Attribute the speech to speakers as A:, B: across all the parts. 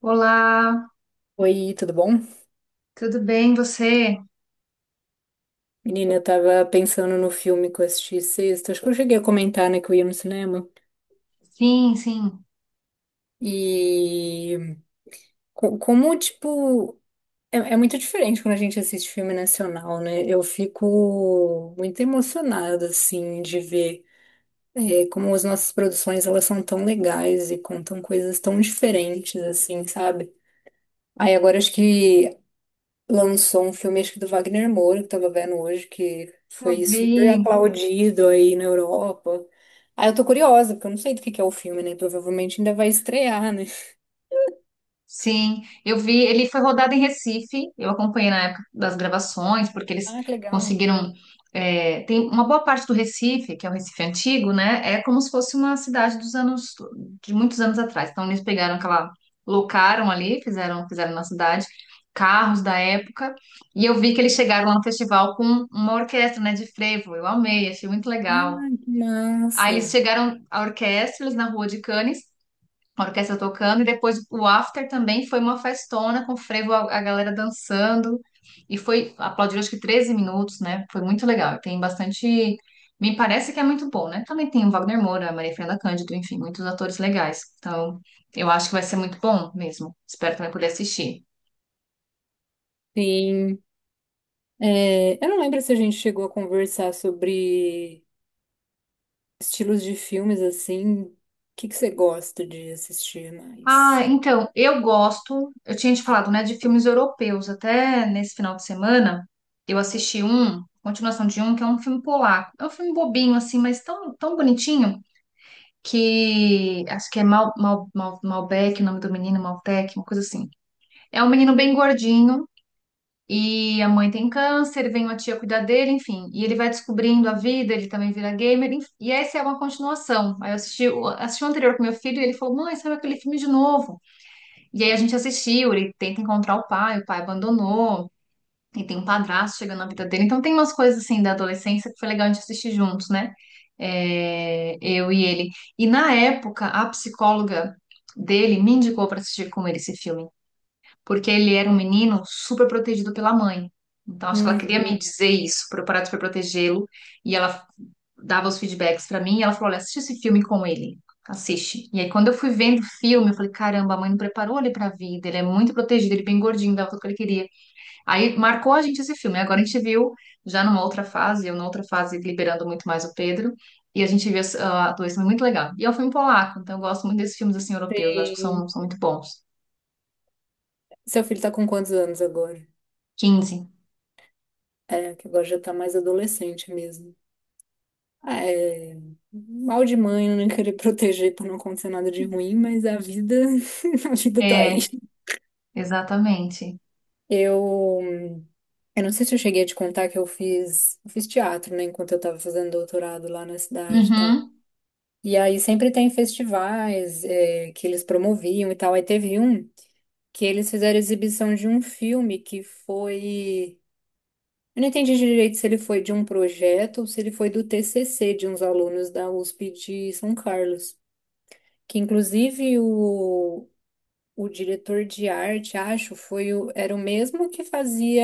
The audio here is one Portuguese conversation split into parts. A: Olá,
B: Oi, tudo bom?
A: tudo bem você?
B: Menina, eu tava pensando no filme que eu assisti sexta, acho que eu cheguei a comentar, né, que eu ia no cinema.
A: Sim, sim,
B: E co- como, tipo, é, é muito diferente quando a gente assiste filme nacional, né? Eu fico muito emocionada, assim, de ver como as nossas produções, elas são tão legais e contam coisas tão diferentes, assim, sabe? Aí agora acho que lançou um filme, acho que do Wagner Moura, que eu tava vendo hoje, que
A: eu
B: foi super
A: vi.
B: aplaudido aí na Europa. Ah, eu tô curiosa, porque eu não sei do que é o filme, né? Provavelmente ainda vai estrear, né?
A: Sim, eu vi. Ele foi rodado em Recife. Eu acompanhei na época das gravações, porque eles
B: Ah, que legal.
A: conseguiram. É, tem uma boa parte do Recife, que é o Recife antigo, né? É como se fosse uma cidade dos anos, de muitos anos atrás. Então eles pegaram aquela, locaram ali, fizeram na cidade carros da época. E eu vi que eles chegaram lá no festival com uma orquestra, né, de frevo. Eu amei, achei muito legal.
B: Ah, que
A: Aí eles
B: massa.
A: chegaram a orquestra eles na Rua de Cannes, a orquestra tocando, e depois o after também foi uma festona com frevo, a galera dançando. E foi, aplaudiram acho que 13 minutos, né? Foi muito legal. Tem bastante. Me parece que é muito bom, né? Também tem o Wagner Moura, a Maria Fernanda Cândido, enfim, muitos atores legais. Então, eu acho que vai ser muito bom mesmo. Espero também poder assistir.
B: Sim. É, eu não lembro se a gente chegou a conversar sobre estilos de filmes assim. O que que você gosta de assistir
A: Ah,
B: mais?
A: então, eu gosto, eu tinha te falado, né, de filmes europeus, até nesse final de semana, eu assisti um, continuação de um, que é um filme polaco, é um filme bobinho, assim, mas tão, tão bonitinho, que, acho que é Malbec, o nome do menino, Maltec, uma coisa assim, é um menino bem gordinho, e a mãe tem câncer, vem uma tia cuidar dele, enfim, e ele vai descobrindo a vida, ele também vira gamer, enfim, e essa é uma continuação, aí eu assisti, assisti o anterior com meu filho, e ele falou, mãe, sabe aquele filme de novo? E aí a gente assistiu, ele tenta encontrar o pai abandonou, e tem um padrasto chegando na vida dele. Então tem umas coisas assim da adolescência que foi legal a gente assistir juntos, né? É, eu e ele. E na época, a psicóloga dele me indicou para assistir com ele esse filme, porque ele era um menino super protegido pela mãe. Então acho que ela
B: Uhum.
A: queria me dizer isso, para eu parar de super protegê-lo. E ela dava os feedbacks pra mim e ela falou: Olha, assiste esse filme com ele. Assiste. E aí, quando eu fui vendo o filme, eu falei: Caramba, a mãe não preparou ele pra vida. Ele é muito protegido, ele é bem gordinho, dava tudo que ele queria. Aí marcou a gente esse filme. Agora a gente viu já numa outra fase, eu numa outra fase liberando muito mais o Pedro. E a gente viu esse- a atuação muito legal. E é um filme polaco, então eu gosto muito desses filmes assim europeus, eu acho que são,
B: Sim.
A: são muito bons.
B: Seu filho tá com quantos anos agora?
A: 15.
B: É, que agora já tá mais adolescente mesmo. Ah, é, mal de mãe, eu não querer proteger pra não acontecer nada de ruim, mas a vida, a vida tá aí.
A: É, exatamente.
B: Eu, eu não sei se eu cheguei a te contar que eu fiz teatro, né, enquanto eu tava fazendo doutorado lá na cidade e tal.
A: Uhum.
B: E aí sempre tem festivais, que eles promoviam e tal. Aí teve um que eles fizeram exibição de um filme que foi. Eu não entendi direito se ele foi de um projeto ou se ele foi do TCC de uns alunos da USP de São Carlos. Que inclusive o diretor de arte, acho, era o mesmo que fazia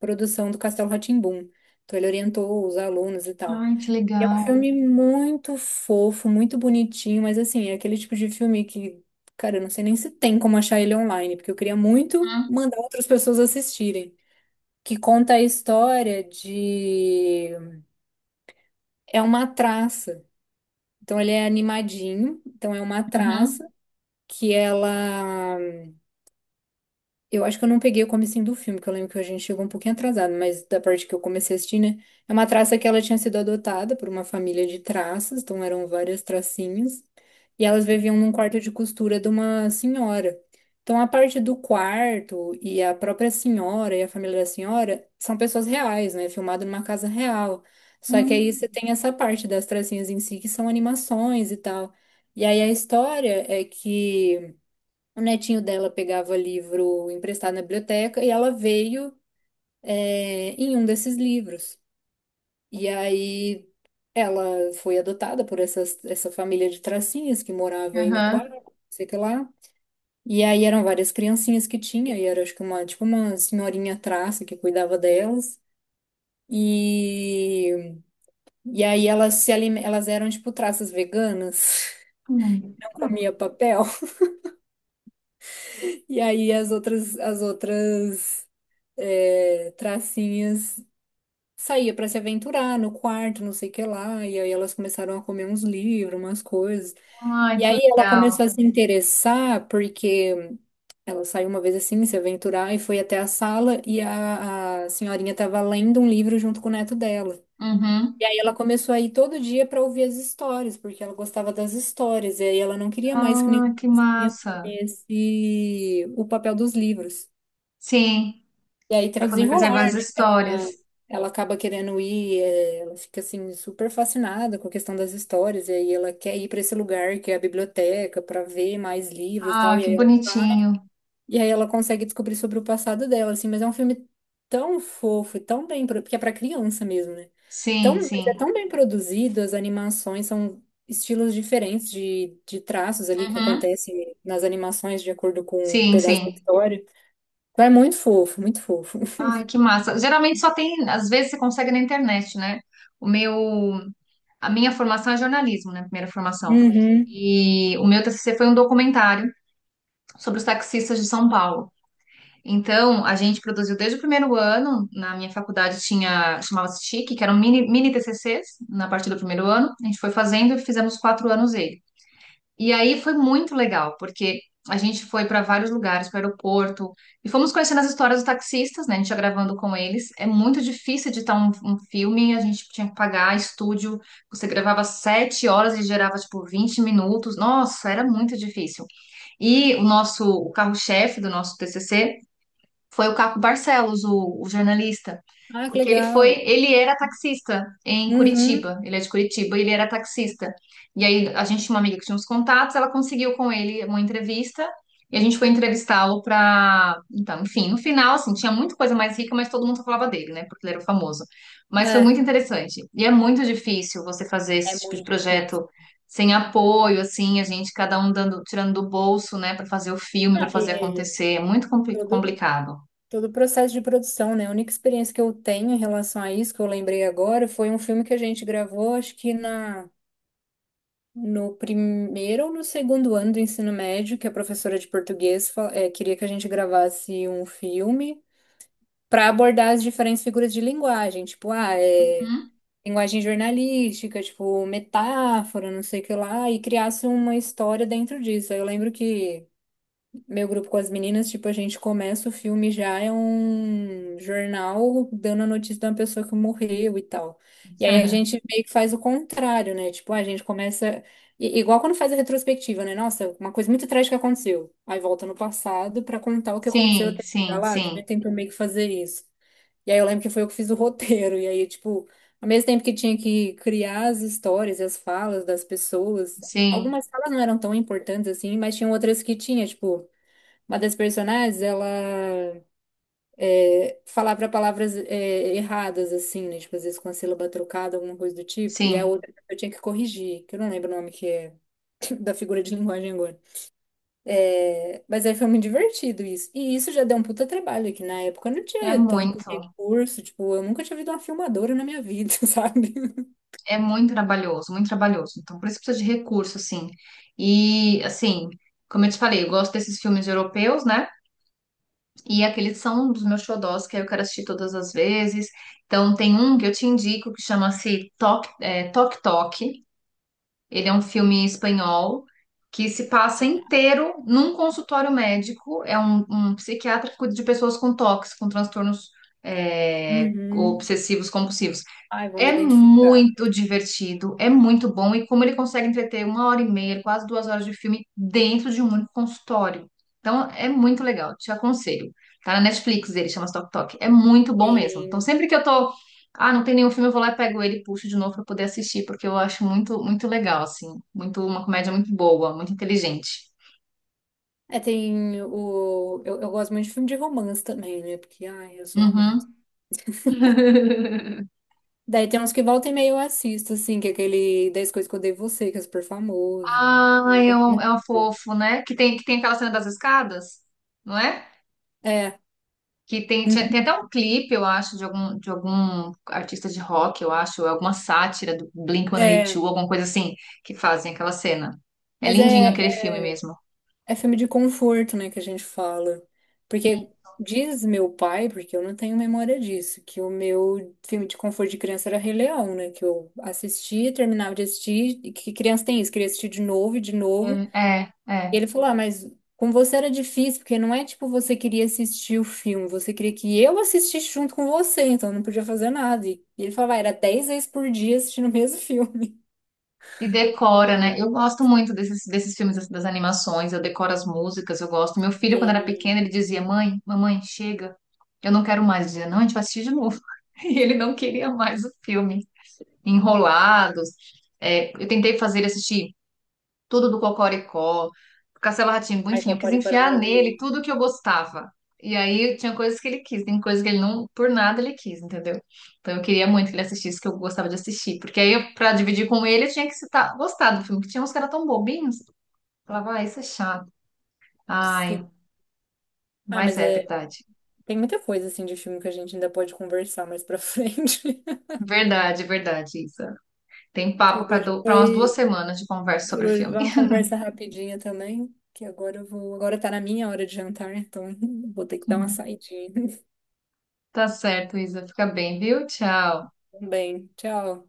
B: produção do Castelo rá tim Então ele orientou os alunos e tal.
A: Ai, que
B: É um
A: legal.
B: filme muito fofo, muito bonitinho, mas assim, é aquele tipo de filme que, cara, eu não sei nem se tem como achar ele online, porque eu queria muito
A: Uhum.
B: mandar outras pessoas assistirem. Que conta a história de. É uma traça. Então ele é animadinho, então é uma traça
A: Uhum.
B: que ela. Eu acho que eu não peguei o comecinho do filme, que eu lembro que a gente chegou um pouquinho atrasado, mas da parte que eu comecei a assistir, né? É uma traça que ela tinha sido adotada por uma família de traças, então eram várias tracinhas, e elas viviam num quarto de costura de uma senhora. Então a parte do quarto e a própria senhora e a família da senhora são pessoas reais, né? Filmado numa casa real. Só que aí
A: Uhum.
B: você tem essa parte das tracinhas em si, que são animações e tal. E aí a história é que. O netinho dela pegava livro emprestado na biblioteca e ela veio, em um desses livros. E aí ela foi adotada por essa família de tracinhas que morava aí no quarto, não sei o que lá. E aí eram várias criancinhas que tinha, e era acho que uma, tipo uma senhorinha traça que cuidava delas. E, e aí elas se alime- elas eram tipo traças veganas,
A: Uhum.
B: comia papel. E aí as outras tracinhas saía para se aventurar no quarto, não sei o que lá, e aí elas começaram a comer uns livros, umas coisas.
A: Ai,
B: E
A: que
B: aí ela
A: legal.
B: começou a se interessar porque ela saiu uma vez assim, se aventurar e foi até a sala e a senhorinha estava lendo um livro junto com o neto dela. E
A: Uhum.
B: aí ela começou a ir todo dia para ouvir as histórias, porque ela gostava das histórias, e aí ela não queria mais que
A: Ah, que
B: nenhum
A: massa.
B: comesse o papel dos livros.
A: Sim,
B: E aí tem o
A: para poder
B: desenrolar.
A: preservar as histórias.
B: Ela acaba querendo ir, ela fica assim super fascinada com a questão das histórias, e aí ela quer ir para esse lugar que é a biblioteca para ver mais livros e
A: Ah,
B: tal,
A: que bonitinho.
B: e aí ela consegue descobrir sobre o passado dela, assim, mas é um filme tão fofo e tão bem, porque é para criança mesmo, né? Tão,
A: Sim,
B: mas é
A: sim.
B: tão bem produzido, as animações são estilos diferentes de traços ali que
A: Uhum.
B: acontecem nas animações de acordo com o
A: Sim,
B: pedaço da
A: sim.
B: história. Então é muito fofo, muito fofo.
A: Ai, que massa. Geralmente só tem, às vezes você consegue na internet, né? O meu, a minha formação é jornalismo, né? Primeira formação.
B: Uhum.
A: E o meu TCC foi um documentário sobre os taxistas de São Paulo. Então, a gente produziu desde o primeiro ano, na minha faculdade tinha, chamava-se TIC, que eram mini TCCs, na parte do primeiro ano, a gente foi fazendo e fizemos 4 anos ele. E aí foi muito legal, porque a gente foi para vários lugares, para o aeroporto, e fomos conhecendo as histórias dos taxistas, né, a gente ia gravando com eles, é muito difícil editar um filme, a gente tinha que pagar estúdio, você gravava 7 horas e gerava, tipo, 20 minutos, nossa, era muito difícil. E o nosso, o carro-chefe do nosso TCC foi o Caco Barcelos, o jornalista,
B: Ah, que
A: porque ele foi,
B: legal.
A: ele era taxista em
B: Uhum.
A: Curitiba, ele é de Curitiba, e ele era taxista. E aí a gente tinha uma amiga que tinha uns contatos, ela conseguiu com ele uma entrevista e a gente foi entrevistá-lo para, então, enfim, no final assim, tinha muita coisa mais rica, mas todo mundo só falava dele, né? Porque ele era famoso. Mas foi muito
B: É.
A: interessante. E é muito difícil você fazer
B: É
A: esse tipo de
B: muito difícil.
A: projeto sem apoio, assim, a gente cada um dando, tirando do bolso, né, para fazer o filme, para
B: Não,
A: fazer
B: e
A: acontecer, é muito
B: todo,
A: complicado.
B: todo o processo de produção, né? A única experiência que eu tenho em relação a isso, que eu lembrei agora, foi um filme que a gente gravou, acho que no primeiro ou no segundo ano do ensino médio, que a professora de português, queria que a gente gravasse um filme para abordar as diferentes figuras de linguagem, tipo,
A: Hum?
B: linguagem jornalística, tipo, metáfora, não sei o que lá, e criasse uma história dentro disso. Aí eu lembro que. Meu grupo com as meninas, tipo, a gente começa o filme já é um jornal dando a notícia de uma pessoa que morreu e tal. E aí a gente meio que faz o contrário, né? Tipo, a gente começa. Igual quando faz a retrospectiva, né? Nossa, uma coisa muito trágica aconteceu. Aí volta no passado pra contar o que aconteceu
A: Sim,
B: até chegar
A: sim,
B: lá. Também
A: sim,
B: tentou meio que fazer isso. E aí eu lembro que foi eu que fiz o roteiro. E aí, tipo, ao mesmo tempo que tinha que criar as histórias e as falas das pessoas,
A: sim,
B: algumas falas não eram tão importantes assim, mas tinham outras que tinha, tipo. Uma das personagens, ela falava palavras erradas, assim, né? Tipo, às vezes com a sílaba trocada, alguma coisa do tipo. E a
A: sim.
B: outra eu tinha que corrigir, que eu não lembro o nome que é da figura de linguagem agora. É, mas aí foi muito divertido isso. E isso já deu um puta trabalho, que na época eu não
A: É
B: tinha tanto
A: muito,
B: recurso, tipo, eu nunca tinha visto uma filmadora na minha vida, sabe?
A: é muito trabalhoso, muito trabalhoso. Então, por isso precisa de recurso, assim. E, assim, como eu te falei, eu gosto desses filmes europeus, né? E aqueles são um dos meus xodós, que aí eu quero assistir todas as vezes. Então, tem um que eu te indico que chama-se Tok, é, Tok Tok. Ele é um filme espanhol que se passa inteiro num consultório médico. É um psiquiatra que cuida de pessoas com toques, com transtornos é,
B: Uhum.
A: obsessivos compulsivos.
B: Ai, vou me
A: É
B: identificar.
A: muito divertido, é muito bom, e como ele consegue entreter uma hora e meia, quase 2 horas de filme dentro de um único consultório. Então é muito legal, te aconselho. Tá na Netflix dele, chama Tok Tok. É muito bom mesmo. Então
B: Tem,
A: sempre que eu tô, ah, não tem nenhum filme, eu vou lá e pego ele e puxo de novo pra poder assistir, porque eu acho muito, muito legal, assim. Muito, uma comédia muito boa, muito inteligente.
B: tem o. Eu gosto muito de filme de romance também, né? Porque, ai, eu sou romance.
A: Uhum.
B: Daí tem uns que volta e meia eu assisto, assim, que é aquele dez coisas que eu odeio em você, que é super famoso.
A: Ai, é um fofo, né? Que tem aquela cena das escadas, não é?
B: É, uhum,
A: Tem até um clipe, eu acho, de algum artista de rock, eu acho, ou alguma sátira do
B: é.
A: Blink-182, alguma coisa assim, que fazem aquela cena. É
B: Mas é,
A: lindinho aquele
B: é
A: filme mesmo.
B: é filme de conforto, né, que a gente fala. Porque diz meu pai, porque eu não tenho memória disso, que o meu filme de conforto de criança era Rei Leão, né? Que eu assistia, terminava de assistir, e que criança tem isso, queria assistir de
A: É,
B: novo.
A: é.
B: E
A: É.
B: ele falou: Ah, mas com você era difícil, porque não é tipo você queria assistir o filme, você queria que eu assistisse junto com você, então eu não podia fazer nada. E ele falava: ah, era 10 vezes por dia assistindo o mesmo filme.
A: E decora, né? Eu gosto muito desses, desses filmes, das animações, eu decoro as músicas, eu gosto. Meu filho, quando era
B: E
A: pequeno, ele dizia: Mãe, mamãe, chega, eu não quero mais. Eu dizia: Não, a gente vai assistir de novo. E ele não queria mais o filme. Enrolados. É, eu tentei fazer ele assistir. Tudo do Cocoricó, Castelo Rá Tim,
B: ai,
A: enfim, eu quis
B: Pacorico era
A: enfiar nele
B: maravilhoso.
A: tudo que eu gostava. E aí tinha coisas que ele quis, tem coisas que ele não, por nada ele quis, entendeu? Então eu queria muito que ele assistisse o que eu gostava de assistir, porque aí eu, pra dividir com ele eu tinha que citar, gostar do filme, que tinha uns caras tão bobinhos, eu falava, ah, isso é chato.
B: Sim.
A: Ai,
B: Ah,
A: mas
B: mas
A: é
B: é,
A: verdade.
B: tem muita coisa assim de filme que a gente ainda pode conversar mais pra frente.
A: Verdade, verdade, Isa. Tem papo
B: Por
A: pra
B: hoje
A: pra umas duas
B: foi,
A: semanas de conversa
B: por
A: sobre o
B: hoje
A: filme.
B: foi uma conversa rapidinha também, que agora eu vou, agora tá na minha hora de jantar, então vou ter que dar uma saidinha.
A: Tá certo, Isa. Fica bem, viu? Tchau.
B: Então, bem, tchau.